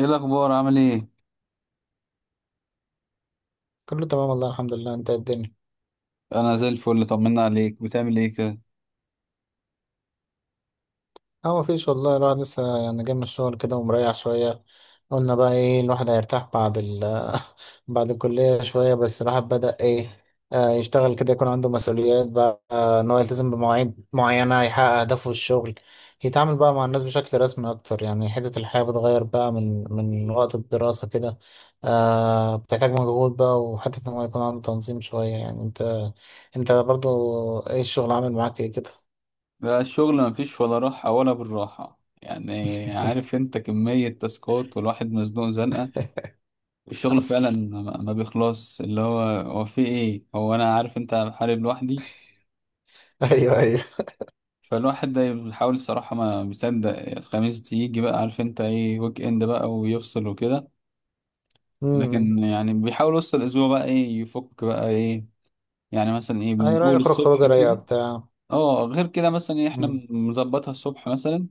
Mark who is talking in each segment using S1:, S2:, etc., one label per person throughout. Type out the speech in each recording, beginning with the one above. S1: ايه الاخبار؟ عامل ايه؟
S2: كله تمام والله، الحمد لله. انت ايه الدنيا؟
S1: انا زي الفل، طمنا عليك، بتعمل ايه كده؟
S2: اه مفيش والله، الواحد لسه يعني جاي من الشغل كده ومريح شوية. قلنا بقى ايه، الواحد هيرتاح بعد بعد الكلية شوية، بس الواحد بدأ ايه، يشتغل كده، يكون عنده مسؤوليات بقى، ان هو يلتزم بمواعيد معينة، يحقق أهدافه في الشغل، يتعامل بقى مع الناس بشكل رسمي أكتر. يعني حتة الحياة بتغير بقى من وقت الدراسة كده. بتحتاج مجهود بقى، وحتة ان هو يكون عنده تنظيم شوية. يعني انت برضو ايه الشغل عامل معاك ايه كده؟
S1: لا، الشغل مفيش ولا راحه ولا بالراحه، يعني عارف انت، كميه تاسكات والواحد مزنوق زنقه. الشغل
S2: حصل.
S1: فعلا ما بيخلص، اللي هو في ايه، هو انا عارف انت، بحارب لوحدي.
S2: ايوه ايوه.
S1: فالواحد ده بيحاول الصراحه ما بيصدق الخميس تيجي بقى، عارف انت ايه، ويك اند بقى ويفصل وكده.
S2: امم.
S1: لكن يعني بيحاول وسط الاسبوع بقى ايه يفك بقى ايه. يعني مثلا ايه، من
S2: ايوه،
S1: اول
S2: يخرج
S1: الصبح
S2: خروجه رايقه
S1: كده.
S2: بتاع.
S1: اه، غير كده مثلا إيه، احنا
S2: امم.
S1: مظبطها الصبح مثلا،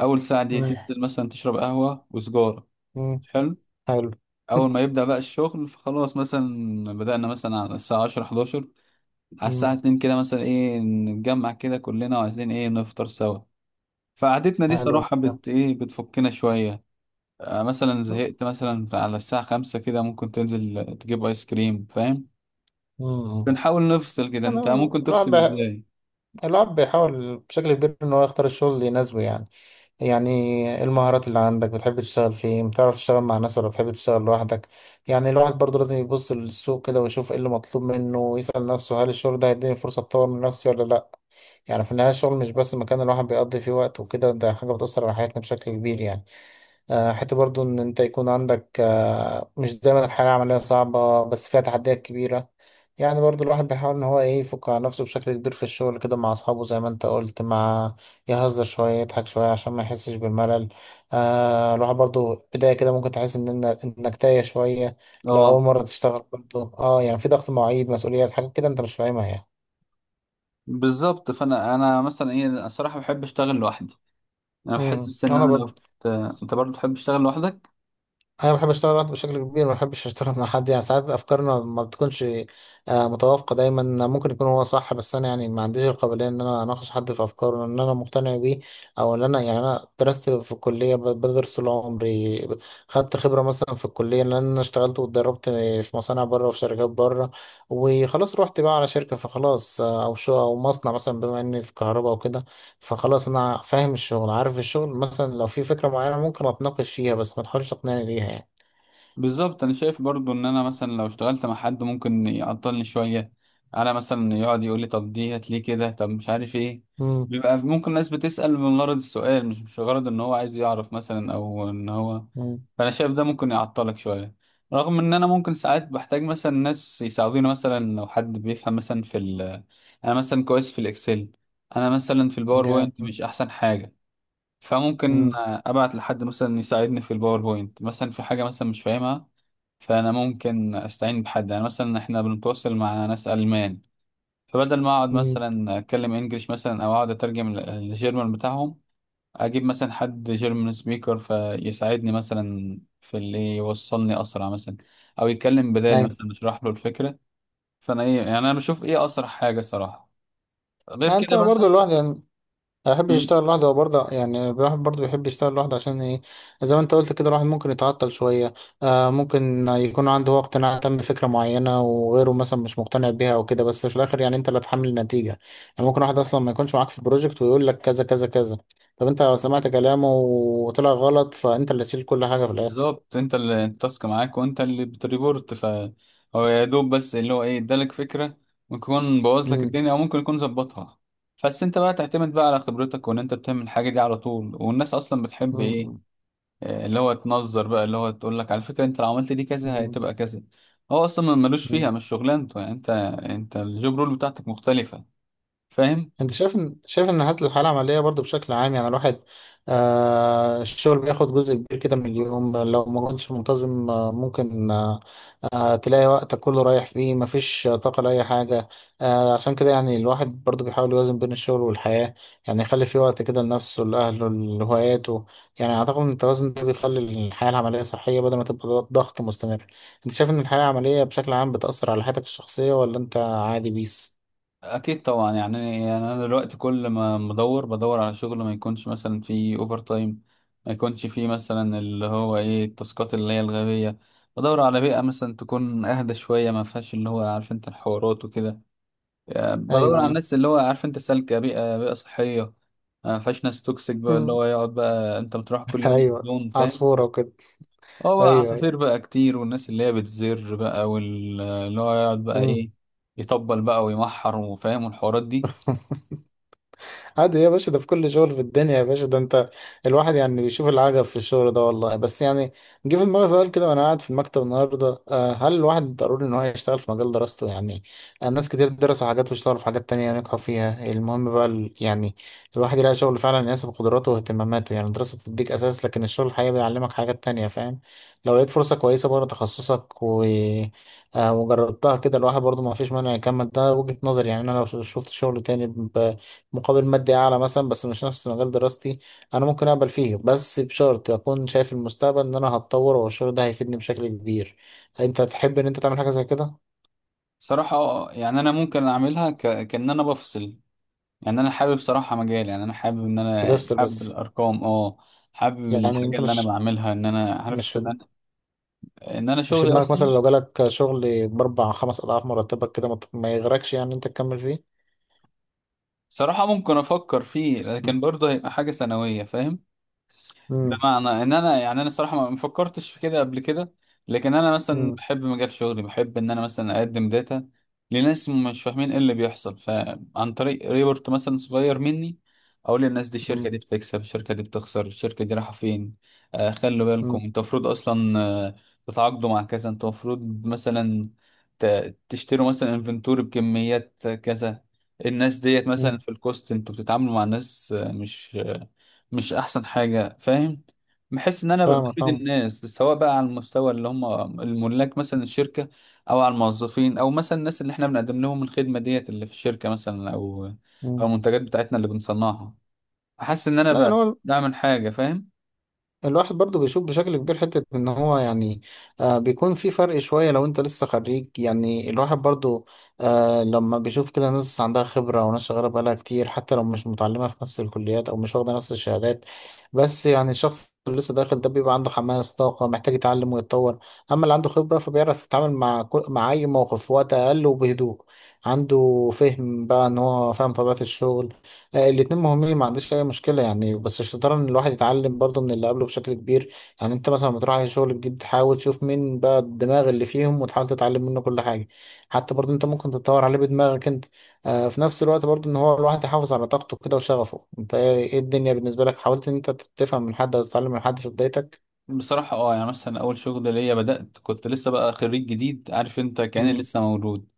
S1: اول ساعة دي
S2: امم.
S1: تنزل مثلا تشرب قهوة وسجارة.
S2: أمم.
S1: حلو.
S2: حلو.
S1: اول ما يبدأ بقى الشغل فخلاص، مثلا بدأنا مثلا على الساعة 10 11، على الساعة
S2: امم.
S1: 2 كده مثلا ايه نتجمع كده كلنا، وعايزين ايه نفطر سوا. فقعدتنا دي
S2: حلو.
S1: صراحة
S2: ده.
S1: ايه، بتفكنا شوية. مثلا زهقت مثلا على الساعة 5 كده، ممكن تنزل تجيب ايس كريم، فاهم.
S2: امم.
S1: بنحاول نفصل كده.
S2: انا
S1: انت ممكن
S2: الواحد
S1: تفصل
S2: بي-
S1: ازاي؟
S2: الواحد بيحاول بشكل كبير ان هو يختار الشغل اللي يناسبه. يعني يعني إيه المهارات اللي عندك، بتحب تشتغل فين، بتعرف تشتغل مع ناس ولا بتحب تشتغل لوحدك. يعني الواحد برضه لازم يبص للسوق كده ويشوف ايه اللي مطلوب منه، ويسأل نفسه هل الشغل ده هيديني فرصة اتطور من نفسي ولا لا. يعني في النهاية الشغل مش بس مكان الواحد بيقضي فيه وقت وكده، ده حاجة بتأثر على حياتنا بشكل كبير. يعني حتى برضو إن أنت يكون عندك مش دايما الحياة العملية صعبة، بس فيها تحديات كبيرة. يعني برضو الواحد بيحاول إن هو إيه يفك على نفسه بشكل كبير في الشغل كده مع أصحابه، زي ما أنت قلت، مع يهزر شوية، يضحك شوية عشان ما يحسش بالملل. الواحد برضو بداية كده ممكن تحس إن إنك تايه شوية لو
S1: اه.
S2: أول مرة تشتغل. برضو يعني في ضغط مواعيد، مسؤوليات، حاجات كده أنت مش فاهمها. يعني
S1: بالظبط، فانا مثلا ايه الصراحه بحب اشتغل لوحدي. انا بحس
S2: امم،
S1: بس ان
S2: أنا
S1: انا لو
S2: برضو
S1: ت- انت برضه بتحب تشتغل لوحدك؟
S2: انا بحب اشتغل لوحدي بشكل كبير، ما بحبش اشتغل مع حد. يعني ساعات افكارنا ما بتكونش متوافقه دايما. ممكن يكون هو صح، بس انا يعني ما عنديش القابليه ان انا اناقش حد في افكاره ان انا مقتنع بيه، او ان انا يعني انا درست في الكليه، بدرس طول عمري، خدت خبره مثلا في الكليه لان انا اشتغلت واتدربت في مصانع بره وفي شركات بره، وخلاص رحت بقى على شركه فخلاص، او شو او مصنع مثلا، بما اني في كهرباء وكده. فخلاص انا فاهم الشغل، عارف الشغل، مثلا لو في فكره معينه ممكن اتناقش فيها، بس ما تحاولش تقنعني بيها. يعني
S1: بالظبط، انا شايف برضو ان انا مثلا لو اشتغلت مع حد ممكن يعطلني شويه. انا مثلا يقعد يقول لي طب دي هات ليه كده، طب مش عارف ايه.
S2: مم.
S1: بيبقى ممكن ناس بتسأل من غرض السؤال، مش غرض ان هو عايز يعرف مثلا، او ان هو،
S2: مم.
S1: فانا شايف ده ممكن يعطلك شويه. رغم ان انا ممكن ساعات بحتاج مثلا ناس يساعدوني، مثلا لو حد بيفهم مثلا في ال، انا مثلا كويس في الاكسل، انا مثلا في الباوربوينت
S2: جامد.
S1: مش احسن حاجه. فممكن
S2: مم.
S1: ابعت لحد مثلا يساعدني في الباوربوينت، مثلا في حاجه مثلا مش فاهمها. فانا ممكن استعين بحد، يعني مثلا احنا بنتواصل مع ناس المان، فبدل ما اقعد
S2: مم.
S1: مثلا اتكلم انجليش مثلا، او اقعد اترجم الجيرمان بتاعهم، اجيب مثلا حد جيرمان سبيكر فيساعدني مثلا في اللي يوصلني اسرع مثلا، او يتكلم بدالي
S2: أيوة.
S1: مثلا، اشرح له الفكره. فانا ايه يعني، انا بشوف ايه اسرع حاجه صراحه. غير
S2: أنت
S1: كده بقى،
S2: برضه لوحدي. يعني ما بحبش أشتغل لوحدي وبرضه يعني الواحد برضه بيحب يشتغل لوحده عشان إيه، زي ما أنت قلت كده، الواحد ممكن يتعطل شوية. ممكن يكون عنده هو اقتناع تام بفكرة معينة وغيره مثلا مش مقتنع بيها أو كده، بس في الآخر يعني أنت اللي هتحمل النتيجة. يعني ممكن واحد أصلا ما يكونش معاك في البروجكت ويقول لك كذا كذا كذا. طب أنت لو سمعت كلامه وطلع غلط، فأنت اللي تشيل كل حاجة في الآخر.
S1: بالظبط، انت اللي التاسك معاك وانت اللي بتريبورت، فهو يا دوب بس اللي هو ايه، ادالك فكره، ممكن يكون بوظ لك
S2: مم.
S1: الدنيا او ممكن يكون ظبطها. بس انت بقى تعتمد بقى على خبرتك، وان انت بتعمل الحاجه دي على طول، والناس اصلا بتحب ايه،
S2: مم.
S1: اه، اللي هو تنظر بقى، اللي هو تقول لك على فكره انت لو عملت دي كذا
S2: مم.
S1: هتبقى كذا. هو اصلا ملوش فيها،
S2: مم.
S1: مش شغلانته، يعني انت، انت الجوب رول بتاعتك مختلفه، فاهم.
S2: انت شايف ان الحالة العملية برضو بشكل عام، يعني الواحد الشغل بياخد جزء كبير كده من اليوم. لو ما كنتش منتظم ممكن تلاقي وقتك كله رايح فيه، مفيش طاقة لأي حاجة. عشان كده يعني الواحد برضو بيحاول يوازن بين الشغل والحياة. يعني يخلي فيه وقت كده لنفسه، لأهله، لهواياته. يعني أعتقد إن التوازن ده بيخلي الحياة العملية صحية بدل ما تبقى ضغط مستمر. انت شايف ان الحياة العملية بشكل عام بتأثر على حياتك الشخصية، ولا انت عادي بيس؟
S1: اكيد طبعا. يعني انا دلوقتي كل ما بدور بدور على شغل ما يكونش مثلا فيه اوفر تايم، ما يكونش فيه مثلا اللي هو ايه التاسكات اللي هي الغبيه. بدور على بيئه مثلا تكون اهدى شويه، ما فيهاش اللي هو عارف انت الحوارات وكده. يعني بدور على
S2: ايوه
S1: الناس اللي هو عارف انت سالكه، بيئه بيئه صحيه، ما فيهاش ناس توكسيك بقى، اللي
S2: ايوه.
S1: هو يقعد بقى انت بتروح كل يوم
S2: ايوه،
S1: بدون، فاهم.
S2: عصفورة وكده.
S1: هو بقى
S2: ايوه ايوه.
S1: عصافير بقى كتير، والناس اللي هي بتزر بقى، واللي هو يقعد بقى
S2: مم.
S1: ايه، يطبل بقى ويمحر وفاهم، والحوارات دي.
S2: عادي يا باشا، ده في كل شغل في الدنيا يا باشا. ده انت الواحد يعني بيشوف العجب في الشغل ده والله. بس يعني جه في دماغي سؤال كده وانا قاعد في المكتب النهارده، هل الواحد ضروري ان هو يشتغل في مجال دراسته؟ يعني ناس كتير درسوا حاجات واشتغلوا في حاجات تانية نجحوا فيها. المهم بقى يعني الواحد يلاقي شغل فعلا يناسب قدراته واهتماماته. يعني الدراسة بتديك اساس، لكن الشغل الحقيقي بيعلمك حاجات تانية، فاهم. لو لقيت فرصة كويسة بره تخصصك و وجربتها كده، الواحد برضه ما فيش مانع يكمل. ده وجهة نظري. يعني انا لو شفت شغل تاني مقابل مادي أعلى مثلا بس مش نفس مجال دراستي، أنا ممكن أقبل فيه، بس بشرط أكون شايف المستقبل إن أنا هتطور والشغل ده هيفيدني بشكل كبير. أنت تحب إن أنت تعمل حاجة زي كده؟
S1: صراحة يعني أنا ممكن أعملها كأن أنا بفصل. يعني أنا حابب صراحة مجال، يعني أنا حابب إن أنا
S2: بتفصل
S1: حابب
S2: بس؟
S1: الأرقام حابب
S2: يعني
S1: الحاجة
S2: أنت
S1: اللي أنا بعملها، إن أنا
S2: مش
S1: عارف إن
S2: في
S1: أنا، إن أنا
S2: مش في
S1: شغلي
S2: دماغك مثلا
S1: أصلا.
S2: لو جالك شغل بأربع خمس أضعاف مرتبك كده ما يغرقش، يعني أنت تكمل فيه؟
S1: صراحة ممكن أفكر فيه، لكن برضه هيبقى حاجة ثانوية، فاهم.
S2: مم.
S1: بمعنى ان انا، يعني انا الصراحه ما فكرتش في كده قبل كده. لكن انا مثلا
S2: مم.
S1: بحب مجال شغلي، بحب ان انا مثلا اقدم داتا لناس مش فاهمين ايه اللي بيحصل، فعن طريق ريبورت مثلا صغير مني، اقول للناس دي الشركه
S2: مم.
S1: دي بتكسب، الشركه دي بتخسر، الشركه دي رايحه فين. خلوا بالكم،
S2: مم.
S1: انتوا المفروض اصلا تتعاقدوا مع كذا، انتوا المفروض مثلا تشتروا مثلا انفنتوري بكميات كذا، الناس ديت مثلا
S2: مم.
S1: في الكوست انتوا بتتعاملوا مع ناس مش مش احسن حاجه، فاهم. بحس ان انا ببقى
S2: فاهمك
S1: بفيد
S2: فاهمك.
S1: الناس، سواء بقى على المستوى اللي هم الملاك مثلا الشركه، او على الموظفين، او مثلا الناس اللي احنا بنقدم لهم الخدمه ديت اللي في الشركه مثلا، او او
S2: مم.
S1: المنتجات بتاعتنا اللي بنصنعها. احس ان انا
S2: لا
S1: بقى
S2: أنا
S1: بعمل حاجه، فاهم.
S2: الواحد برضو بيشوف بشكل كبير حتة ان هو يعني بيكون في فرق شوية لو انت لسه خريج. يعني الواحد برضو لما بيشوف كده ناس عندها خبرة، وناس شغالة بقالها كتير حتى لو مش متعلمة في نفس الكليات او مش واخدة نفس الشهادات. بس يعني الشخص اللي لسه داخل ده بيبقى عنده حماس، طاقة، محتاج يتعلم ويتطور. اما اللي عنده خبرة فبيعرف يتعامل مع مع اي موقف في وقت اقل وبهدوء. عنده فهم بقى ان هو فاهم طبيعة الشغل. الاتنين مهمين، ما عنديش اي مشكله. يعني بس الشطاره ان الواحد يتعلم برضه من اللي قبله بشكل كبير. يعني انت مثلا لما تروح على شغل جديد تحاول تشوف مين بقى الدماغ اللي فيهم، وتحاول تتعلم منه كل حاجه. حتى برضه انت ممكن تتطور عليه بدماغك انت. في نفس الوقت برضه ان هو الواحد يحافظ على طاقته كده وشغفه. انت ايه إيه الدنيا بالنسبه لك؟ حاولت ان انت تفهم من حد او تتعلم من حد في بدايتك؟
S1: بصراحه اه، يعني مثلا اول شغل ليا بدات كنت لسه بقى خريج جديد، عارف انت، كاني
S2: امم.
S1: لسه مولود.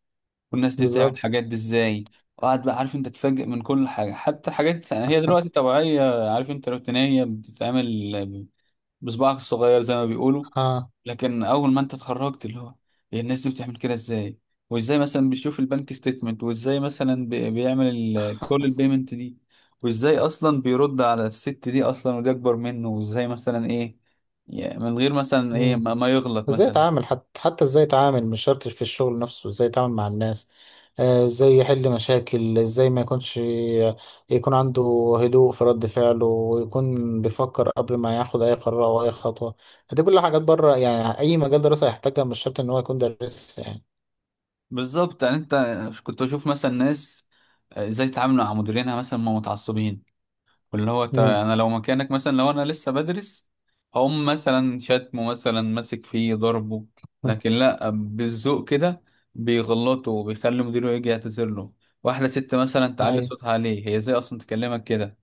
S1: والناس دي بتعمل
S2: بالظبط.
S1: الحاجات دي ازاي؟ وقعد بقى عارف انت تتفاجئ من كل حاجه، حتى حاجات هي دلوقتي طبيعيه عارف انت، روتينيه بتتعمل بصباعك الصغير زي ما بيقولوا. لكن اول ما انت اتخرجت اللي هو، إيه الناس دي بتعمل كده ازاي؟ وازاي مثلا بيشوف البنك ستيتمنت، وازاي مثلا بيعمل كل البيمنت دي، وازاي اصلا بيرد على الست دي اصلا ودي اكبر منه، وازاي مثلا ايه، يعني من غير مثلا ايه
S2: اه.
S1: ما يغلط
S2: ازاي
S1: مثلا.
S2: اتعامل، حتى ازاي اتعامل، مش شرط في الشغل نفسه، ازاي اتعامل مع الناس. ازاي يحل مشاكل، ازاي ما يكونش، يكون عنده هدوء في رد فعله، ويكون بيفكر قبل ما ياخد اي قرار او اي خطوة. دي كل حاجات بره يعني اي مجال دراسة يحتاجها، مش شرط ان هو يكون دارس. يعني
S1: بالظبط. يعني انت كنت بشوف مثلا ناس ازاي يتعاملوا مع مديرينها مثلا ما متعصبين. واللي هو
S2: امم.
S1: انا لو مكانك مثلا، لو انا لسه بدرس، هقوم مثلا شتمه مثلا ماسك فيه ضربه، لكن لا، بالذوق كده، بيغلطه وبيخلي مديره يجي يعتذر له. واحده ست مثلا تعلي
S2: ايوه.
S1: صوتها عليه، هي ازاي اصلا تكلمك كده؟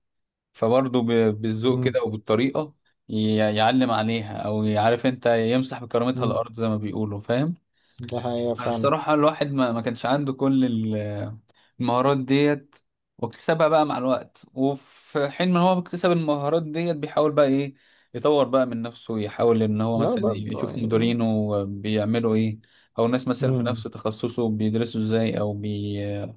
S1: فبرضه بالذوق
S2: امم.
S1: كده وبالطريقه يعلم عليها، او يعرف انت يمسح بكرامتها
S2: امم.
S1: الارض زي ما بيقولوا، فاهم.
S2: ده حقيقة فعلا.
S1: الصراحه الواحد ما كانش عنده كل المهارات ديت، واكتسبها بقى مع الوقت، وفي حين ما هو بيكتسب المهارات ديت، بيحاول بقى ايه يطور بقى من نفسه، يحاول ان هو
S2: لا
S1: مثلا
S2: برضه
S1: يشوف
S2: يعني.
S1: مديرينه بيعملوا ايه، او ناس مثلا في نفس
S2: امم.
S1: تخصصه بيدرسوا ازاي، او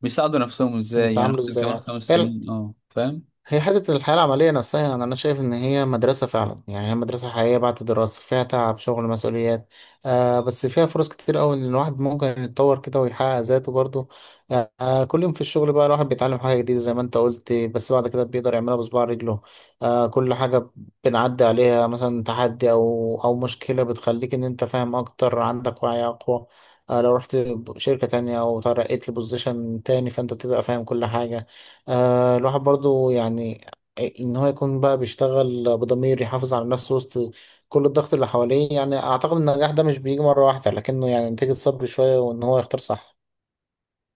S1: بيساعدوا نفسهم ازاي، يعني
S2: يتعاملوا
S1: مثلا
S2: ازاي
S1: كمان خمس
S2: يعني.
S1: سنين فاهم.
S2: هي حتة الحياة العملية نفسها، يعني أنا شايف إن هي مدرسة فعلا. يعني هي مدرسة حقيقية بعد الدراسة، فيها تعب، شغل، مسؤوليات، بس فيها فرص كتير أوي إن الواحد ممكن يتطور كده ويحقق ذاته برضه. كل يوم في الشغل بقى الواحد بيتعلم حاجة جديدة زي ما أنت قلت، بس بعد كده بيقدر يعملها بصباع رجله. كل حاجة بنعدي عليها مثلا، تحدي أو مشكلة، بتخليك إن أنت فاهم أكتر، عندك وعي أقوى. لو رحت شركة تانية أو ترقيت لبوزيشن تاني، فأنت تبقى فاهم كل حاجة. الواحد برضو يعني ان هو يكون بقى بيشتغل بضمير، يحافظ على نفسه وسط كل الضغط اللي حواليه. يعني اعتقد ان النجاح ده مش بيجي مرة واحدة، لكنه يعني نتيجة صبر شوية وان هو يختار صح.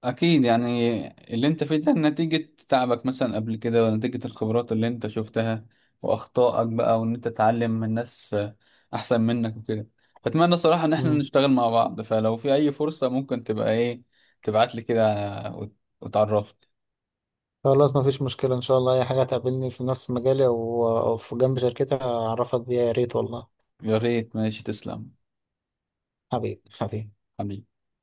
S1: اكيد. يعني اللي انت فيه ده نتيجة تعبك مثلا قبل كده، ونتيجة الخبرات اللي انت شفتها واخطائك بقى، وان انت تتعلم من ناس احسن منك وكده. فاتمنى صراحة ان احنا
S2: مم.
S1: نشتغل مع بعض، فلو في اي فرصة ممكن تبقى ايه تبعت لي كده، وتعرفني.
S2: خلاص مفيش مشكلة، ان شاء الله اي حاجة هتقابلني في نفس مجالي أو في جنب شركتي هعرفك بيها. يا ريت والله.
S1: يا ريت، ماشي، تسلم.
S2: حبيبي حبيبي.
S1: حبيبي.